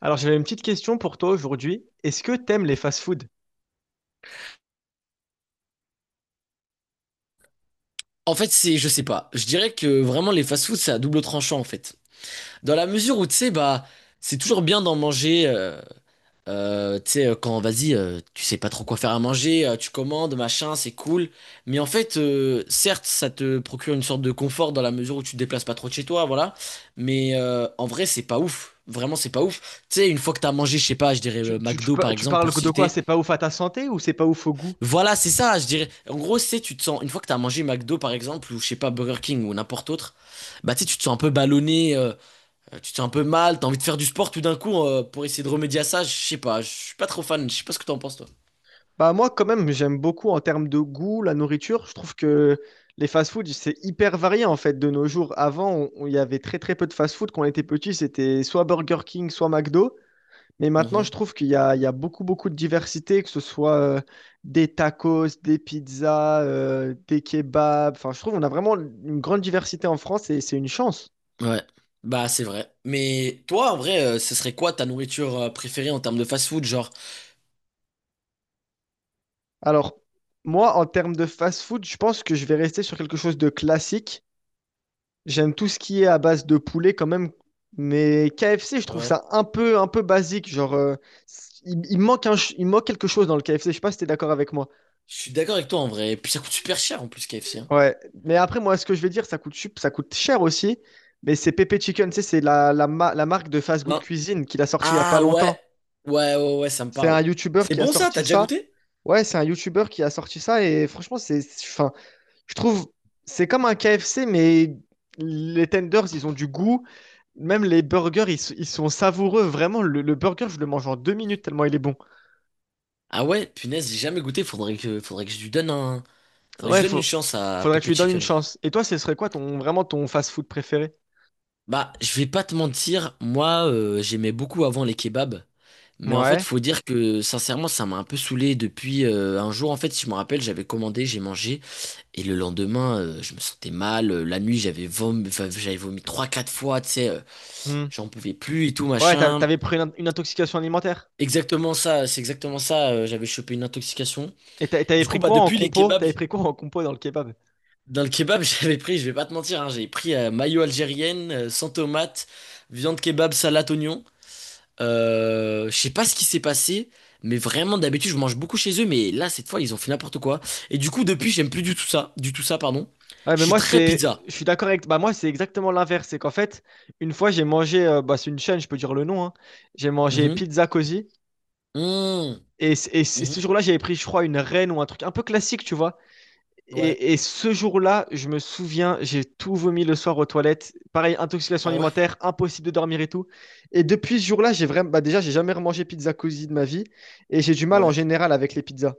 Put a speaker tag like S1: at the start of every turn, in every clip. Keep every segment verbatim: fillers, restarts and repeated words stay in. S1: Alors, j'avais une petite question pour toi aujourd'hui. Est-ce que t'aimes les fast-food?
S2: En fait, c'est, je sais pas. Je dirais que vraiment les fast foods c'est à double tranchant en fait. Dans la mesure où tu sais, bah, c'est toujours bien d'en manger. Euh, euh, tu sais, euh, quand vas-y, euh, tu sais pas trop quoi faire à manger, euh, tu commandes, machin, c'est cool. Mais en fait, euh, certes, ça te procure une sorte de confort dans la mesure où tu te déplaces pas trop de chez toi, voilà. Mais euh, en vrai, c'est pas ouf. Vraiment, c'est pas ouf. Tu sais, une fois que t'as mangé, je sais pas, je dirais euh,
S1: Tu, tu- tu
S2: McDo
S1: pa-
S2: par
S1: tu
S2: exemple
S1: parles
S2: pour
S1: de quoi?
S2: citer.
S1: C'est pas ouf à ta santé ou c'est pas ouf au goût?
S2: Voilà, c'est ça, je dirais. En gros, c'est tu te sens une fois que t'as mangé McDo par exemple ou je sais pas Burger King ou n'importe autre, bah tu sais, tu te sens un peu ballonné, euh, tu te sens un peu mal, t'as envie de faire du sport tout d'un coup euh, pour essayer de remédier à ça. Je sais pas, je suis pas trop fan. Je sais pas ce que t'en penses toi.
S1: Bah moi, quand même, j'aime beaucoup en termes de goût, la nourriture. Je trouve que les fast-food, c'est hyper varié en fait de nos jours. Avant, on- on- il y avait très très peu de fast-food. Quand on était petit, c'était soit Burger King, soit McDo. Mais maintenant, je
S2: Mhm.
S1: trouve qu'il y a, il y a beaucoup beaucoup de diversité, que ce soit euh, des tacos, des pizzas, euh, des kebabs. Enfin, je trouve qu'on a vraiment une grande diversité en France et c'est une chance.
S2: Ouais, bah c'est vrai. Mais toi, en vrai, euh, ce serait quoi ta nourriture euh, préférée en termes de fast-food, genre?
S1: Alors, moi, en termes de fast-food, je pense que je vais rester sur quelque chose de classique. J'aime tout ce qui est à base de poulet quand même, mais K F C, je trouve
S2: Ouais.
S1: ça un peu, un peu basique. Genre, euh, il, il manque un ch- il manque quelque chose dans le K F C. Je sais pas si t'es d'accord avec moi.
S2: Je suis d'accord avec toi en vrai. Et puis ça coûte super cher en plus K F C, hein.
S1: Ouais. Mais après, moi, ce que je vais dire, ça coûte, sup- ça coûte cher aussi. Mais c'est Pepe Chicken, tu sais, c'est la, la, ma- la marque de fast food
S2: Hein.
S1: cuisine qu'il a sorti il y a pas
S2: Ah ouais,
S1: longtemps.
S2: ouais, ouais, ouais, ça me
S1: C'est un
S2: parle.
S1: YouTuber
S2: C'est
S1: qui a
S2: bon ça, t'as
S1: sorti
S2: déjà
S1: ça.
S2: goûté?
S1: Ouais, c'est un YouTuber qui a sorti ça et franchement, c'est, fin. Je trouve, c'est comme un K F C, mais les tenders, ils ont du goût. Même les burgers, ils, s- ils sont savoureux. Vraiment, le, le burger, je le mange en deux minutes tellement il est bon.
S2: Ah ouais, punaise, j'ai jamais goûté, faudrait que, faudrait que je lui donne un, faudrait que je
S1: Ouais,
S2: donne une
S1: faut,
S2: chance à
S1: faudrait que tu
S2: Pepe
S1: lui donnes une
S2: Chicken.
S1: chance. Et toi, ce serait quoi ton, vraiment ton fast-food préféré?
S2: Bah, je vais pas te mentir, moi, euh, j'aimais beaucoup avant les kebabs, mais en fait,
S1: Ouais.
S2: faut dire que, sincèrement, ça m'a un peu saoulé depuis euh, un jour, en fait, si je me rappelle, j'avais commandé, j'ai mangé, et le lendemain, euh, je me sentais mal, euh, la nuit, j'avais vomi, enfin, j'avais vomi trois, quatre fois, tu sais, euh,
S1: Hmm.
S2: j'en pouvais plus et tout,
S1: Ouais, t'a-
S2: machin.
S1: t'avais pris une, une intoxication alimentaire.
S2: Exactement ça, c'est exactement ça. Euh, j'avais chopé une intoxication.
S1: Et t'a- t'avais
S2: Du coup,
S1: pris
S2: bah
S1: quoi en
S2: depuis les
S1: compo?
S2: kebabs,
S1: T'avais pris quoi en compo dans le kebab?
S2: dans le kebab, j'avais pris, je vais pas te mentir, hein, j'avais pris euh, mayo algérienne, euh, sans tomate, viande kebab, salade oignon. Euh, je sais pas ce qui s'est passé, mais vraiment d'habitude je mange beaucoup chez eux, mais là cette fois ils ont fait n'importe quoi. Et du coup depuis j'aime plus du tout ça, du tout ça pardon.
S1: Ouais,
S2: Je
S1: mais
S2: suis
S1: moi,
S2: très
S1: c'est,
S2: pizza.
S1: je suis d'accord avec, bah, moi, c'est exactement l'inverse. C'est qu'en fait, une fois, j'ai mangé, euh, bah, c'est une chaîne, je peux dire le nom, hein. J'ai mangé
S2: Mhm.
S1: Pizza Cosy.
S2: Mmh.
S1: Et, c- et
S2: Mhm.
S1: ce jour-là, j'avais pris, je crois, une reine ou un truc un peu classique, tu vois.
S2: Ouais.
S1: Et, et ce jour-là, je me souviens, j'ai tout vomi le soir aux toilettes. Pareil, intoxication
S2: Ah ouais.
S1: alimentaire, impossible de dormir et tout. Et depuis ce jour-là, j'ai vraiment, bah déjà, j'ai jamais remangé pizza cosy de ma vie. Et j'ai du mal en
S2: Ouais.
S1: général avec les pizzas.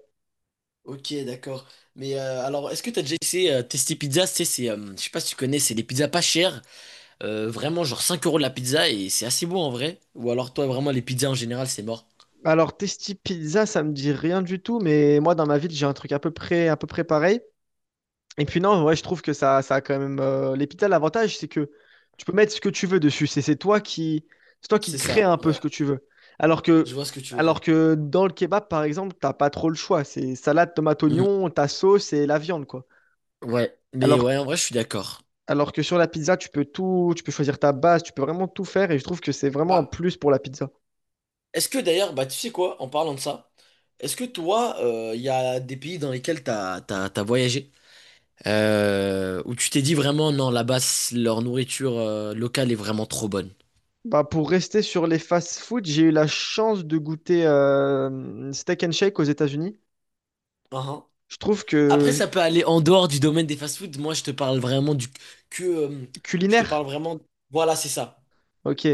S2: Ok, d'accord. Mais euh, alors, est-ce que t'as déjà essayé euh, Testi Pizza? Tu sais, c'est, euh, je sais pas si tu connais, c'est des pizzas pas chères, euh, vraiment genre cinq euros de la pizza et c'est assez bon en vrai. Ou alors toi, vraiment, les pizzas en général, c'est mort.
S1: Alors, Testi Pizza, ça me dit rien du tout, mais moi, dans ma ville, j'ai un truc à peu près, à peu près pareil. Et puis non, ouais, je trouve que ça, ça a quand même. euh, L'Epita, l'avantage, c'est que tu peux mettre ce que tu veux dessus. C'est c'est toi qui, c'est toi qui
S2: C'est
S1: crée
S2: ça,
S1: un peu
S2: ouais.
S1: ce que tu veux. Alors
S2: Je
S1: que,
S2: vois ce que tu veux dire.
S1: alors que dans le kebab, par exemple, t'as pas trop le choix. C'est salade, tomate,
S2: Mm,
S1: oignon, ta sauce et la viande, quoi.
S2: ouais, mais
S1: Alors,
S2: ouais,
S1: que-
S2: en vrai, je suis d'accord.
S1: alors que sur la pizza, tu peux tout, tu peux choisir ta base, tu peux vraiment tout faire. Et je trouve que c'est vraiment un
S2: Bah,
S1: plus pour la pizza.
S2: est-ce que d'ailleurs, bah tu sais quoi, en parlant de ça, est-ce que toi, il y a des pays dans lesquels t'as, t'as, t'as voyagé, euh, où tu t'es dit vraiment, non, là-bas, c- leur nourriture euh, locale est vraiment trop bonne?
S1: Bah, pour rester sur les fast-food, j'ai eu la chance de goûter euh, steak and shake aux États-Unis. Je trouve
S2: Après,
S1: que
S2: ça peut aller en dehors du domaine des fast-foods. Moi, je te parle vraiment du que. Euh, je te parle
S1: culinaire.
S2: vraiment. Voilà, c'est ça.
S1: Ok.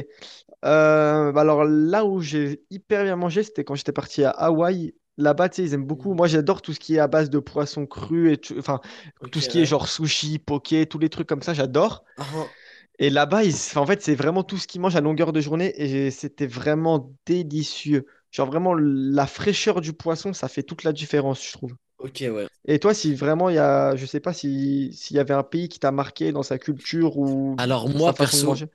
S1: Euh, bah alors là où j'ai hyper bien mangé, c'était quand j'étais parti à Hawaï. Là-bas, tu sais, ils aiment beaucoup.
S2: Mhm.
S1: Moi, j'adore tout ce qui est à base de poisson cru et tu- enfin
S2: Ok,
S1: tout ce qui est
S2: ouais.
S1: genre sushi, poké, tous les trucs comme ça, j'adore.
S2: Ah,
S1: Et là-bas, ils- enfin, en fait, c'est vraiment tout ce qu'ils mangent à longueur de journée et j'ai- c'était vraiment délicieux. Genre vraiment la fraîcheur du poisson, ça fait toute la différence, je trouve.
S2: ok, ouais.
S1: Et toi, si vraiment il y a, je sais pas si s'il y avait un pays qui t'a marqué dans sa culture ou
S2: Alors,
S1: dans sa
S2: moi,
S1: façon de
S2: perso.
S1: manger.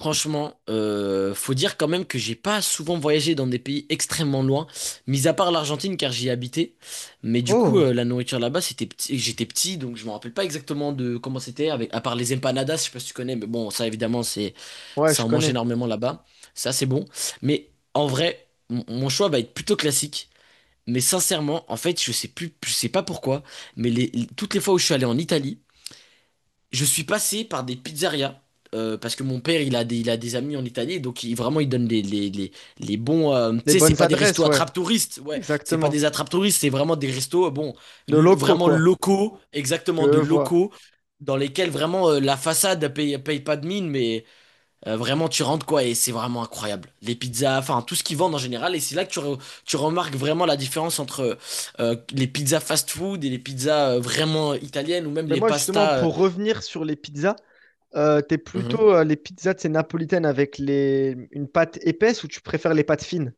S2: Franchement, euh, faut dire quand même que j'ai pas souvent voyagé dans des pays extrêmement loin, mis à part l'Argentine car j'y ai habité. Mais du coup,
S1: Oh,
S2: euh, la nourriture là-bas, c'était petit, j'étais petit, donc je me rappelle pas exactement de comment c'était, avec à part les empanadas, je sais pas si tu connais, mais bon, ça évidemment, c'est
S1: ouais, je
S2: ça en mange
S1: connais.
S2: énormément là-bas. Ça, c'est bon. Mais en vrai, mon mon choix va être plutôt classique. Mais sincèrement, en fait, je sais plus, je sais pas pourquoi, mais les, toutes les fois où je suis allé en Italie je suis passé par des pizzerias. Euh, parce que mon père, il a des, il a des amis en Italie, donc il, vraiment, il donne les, les, les, les bons. Euh, tu
S1: Les
S2: sais, c'est
S1: bonnes
S2: pas des
S1: adresses,
S2: restos
S1: ouais.
S2: attrape-touristes, ouais, c'est pas
S1: Exactement.
S2: des attrape-touristes, c'est vraiment des restos, euh, bon,
S1: De
S2: l-
S1: locaux,
S2: vraiment
S1: quoi.
S2: locaux, exactement
S1: Je
S2: de
S1: vois.
S2: locaux, dans lesquels vraiment euh, la façade paye, paye pas de mine, mais euh, vraiment, tu rentres quoi, et c'est vraiment incroyable. Les pizzas, enfin, tout ce qu'ils vendent en général, et c'est là que tu, re- tu remarques vraiment la différence entre euh, les pizzas fast-food et les pizzas euh, vraiment italiennes, ou même
S1: Mais
S2: les
S1: moi, justement,
S2: pastas. euh,
S1: pour revenir sur les pizzas, euh, t'es
S2: Mhm.
S1: plutôt euh, les pizzas de ces napolitaines avec les une pâte épaisse ou tu préfères les pâtes fines?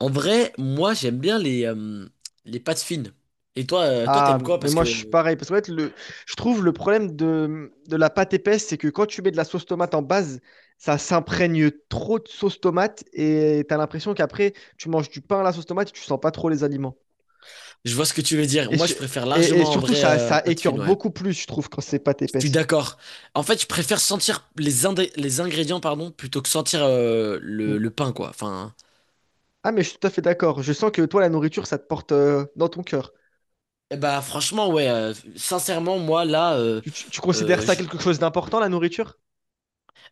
S2: En vrai, moi j'aime bien les, euh, les pâtes fines. Et toi, euh, toi
S1: Ah,
S2: t'aimes quoi?
S1: mais
S2: Parce
S1: moi,
S2: que
S1: je suis
S2: euh,
S1: pareil. Parce que fait, le je trouve le problème de... de la pâte épaisse, c'est que quand tu mets de la sauce tomate en base, ça s'imprègne trop de sauce tomate et t'as l'impression qu'après, tu manges du pain à la sauce tomate et tu sens pas trop les aliments.
S2: je vois ce que tu veux dire.
S1: Et,
S2: Moi
S1: su-
S2: je préfère
S1: et- et
S2: largement en
S1: surtout,
S2: vrai
S1: ça,
S2: euh,
S1: ça
S2: pâtes
S1: écœure
S2: fines, ouais.
S1: beaucoup plus, je trouve, quand c'est pâte
S2: Je suis
S1: épaisse.
S2: d'accord. En fait, je préfère sentir les, indé- les ingrédients, pardon, plutôt que sentir euh, le, le pain, quoi. Enfin,
S1: Ah, mais je suis tout à fait d'accord. Je sens que toi, la nourriture, ça te porte euh, dans ton cœur.
S2: eh bah franchement, ouais. Euh, sincèrement, moi là, euh,
S1: Tu, tu- tu considères ça quelque chose d'important, la nourriture?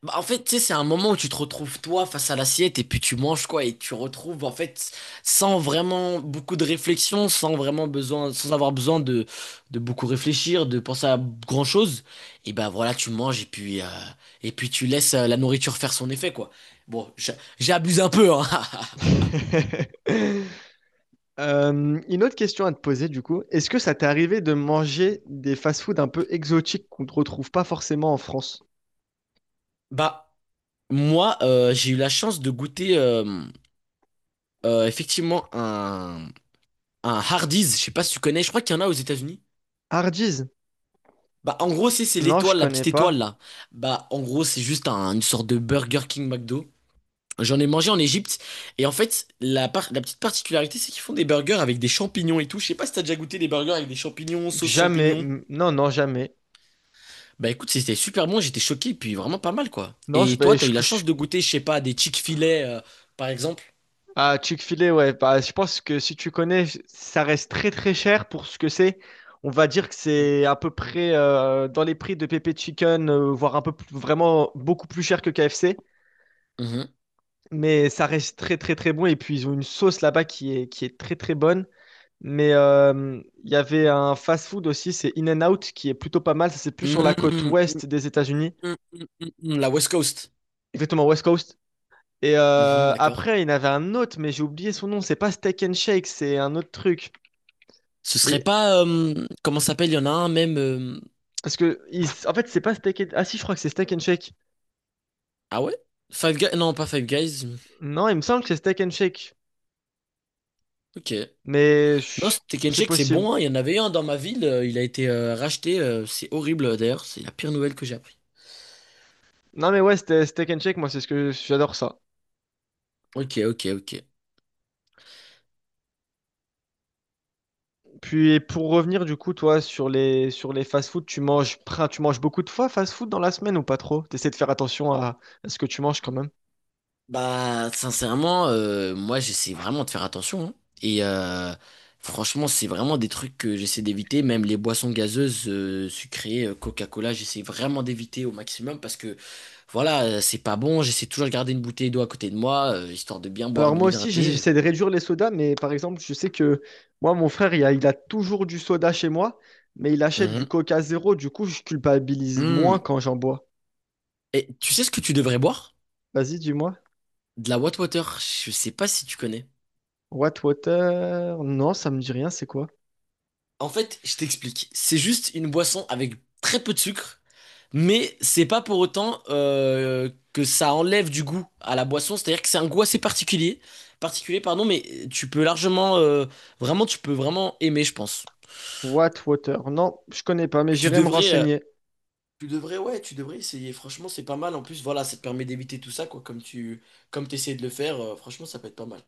S2: bah, en fait, tu sais, c'est un moment où tu te retrouves toi face à l'assiette et puis tu manges quoi et tu retrouves en fait sans vraiment beaucoup de réflexion, sans vraiment besoin, sans avoir besoin de, de, beaucoup réfléchir, de penser à grand chose. Et ben voilà, tu manges et puis euh, et puis tu laisses euh, la nourriture faire son effet quoi. Bon, j'a- j'abuse un peu, hein.
S1: Euh, une autre question à te poser, du coup. Est-ce que ça t'est arrivé de manger des fast-foods un peu exotiques qu'on ne retrouve pas forcément en France?
S2: Bah moi, euh, j'ai eu la chance de goûter euh, euh, effectivement un un Hardee's. Je sais pas si tu connais. Je crois qu'il y en a aux États-Unis.
S1: Hardee's?
S2: Bah, en gros, c'est c'est
S1: Non, je
S2: l'étoile, la
S1: connais
S2: petite étoile
S1: pas.
S2: là. Bah, en gros, c'est juste un- une sorte de Burger King McDo. J'en ai mangé en Égypte. Et en fait, la, par- la petite particularité, c'est qu'ils font des burgers avec des champignons et tout. Je sais pas si t'as déjà goûté des burgers avec des champignons, sauce
S1: Jamais.
S2: champignons.
S1: Mm, non, non, jamais.
S2: Bah, écoute, c'était super bon. J'étais choqué, puis vraiment pas mal quoi.
S1: Non, je,
S2: Et toi,
S1: ben,
S2: t'as
S1: je-
S2: eu la
S1: je-
S2: chance de goûter, je sais pas, des Chick-fil-A euh, par exemple?
S1: Ah, Chick-fil-A, ouais. Bah, je pense que si tu connais, ça reste très très cher pour ce que c'est. On va dire que c'est à peu près euh, dans les prix de Pepe Chicken, euh, voire un peu plus- vraiment beaucoup plus cher que K F C.
S2: Mhm.
S1: Mais ça reste très très très bon. Et puis ils ont une sauce là-bas qui est, qui est très très bonne. Mais euh, il y avait un fast-food aussi, c'est In-N-Out, qui est plutôt pas mal. Ça, c'est plus sur la côte
S2: Mhm. Mhm.
S1: ouest des États-Unis.
S2: Mhm. La West Coast.
S1: Exactement, West Coast. Et
S2: Mhm,
S1: euh,
S2: d'accord.
S1: après, il y en avait un autre, mais j'ai oublié son nom. C'est pas Steak and Shake, c'est un autre truc.
S2: Ce
S1: Mais
S2: serait pas. Euh, comment ça s'appelle? Il y en a un même. euh,
S1: parce que, il- en fait, c'est pas Steak and Ah si, je crois que c'est Steak and Shake.
S2: Ah ouais? Five Guys? Non, pas Five Guys.
S1: Non, il me semble que c'est Steak and Shake.
S2: Ok.
S1: Mais
S2: Non,
S1: je-
S2: ce Tekken
S1: c'est
S2: Shake, c'est
S1: possible.
S2: bon, hein. Il y en avait un dans ma ville. euh, Il a été euh, racheté. Euh, c'est horrible, euh, d'ailleurs. C'est la pire nouvelle que j'ai appris.
S1: Non, mais ouais, c'était Steak and Shake, moi, c'est ce que j'adore ça.
S2: Ok, ok, ok.
S1: Puis pour revenir, du coup, toi, sur les, sur les fast-food, tu manges prin- tu manges beaucoup de fois fast-food dans la semaine ou pas trop? T'essaies de faire attention à... à ce que tu manges quand même.
S2: Bah, sincèrement, euh, moi, j'essaie vraiment de faire attention, hein. Et euh, franchement, c'est vraiment des trucs que j'essaie d'éviter. Même les boissons gazeuses, euh, sucrées, euh, Coca-Cola, j'essaie vraiment d'éviter au maximum parce que, voilà, euh, c'est pas bon. J'essaie toujours de garder une bouteille d'eau à côté de moi, euh, histoire de bien boire,
S1: Alors
S2: de
S1: moi aussi, j'ai-
S2: m'hydrater.
S1: j'essaie de réduire les sodas, mais par exemple, je sais que moi, mon frère, il a, il a toujours du soda chez moi, mais il achète du
S2: Mhm.
S1: Coca Zéro, du coup, je culpabilise
S2: Hmm.
S1: moins quand j'en bois.
S2: Et tu sais ce que tu devrais boire?
S1: Vas-y, dis-moi.
S2: De la Water. Je sais pas si tu connais.
S1: What Water? Non, ça me dit rien, c'est quoi?
S2: En fait, je t'explique. C'est juste une boisson avec très peu de sucre, mais c'est pas pour autant euh, que ça enlève du goût à la boisson. C'est-à-dire que c'est un goût assez particulier, particulier, pardon, mais tu peux largement, euh, vraiment, tu peux vraiment aimer, je pense.
S1: What Water? Non, je connais pas, mais
S2: Tu
S1: j'irai me
S2: devrais, euh,
S1: renseigner.
S2: tu devrais, ouais, tu devrais essayer. Franchement, c'est pas mal. En plus, voilà, ça te permet d'éviter tout ça, quoi. Comme tu, comme t'essayes de le faire, euh, franchement, ça peut être pas mal.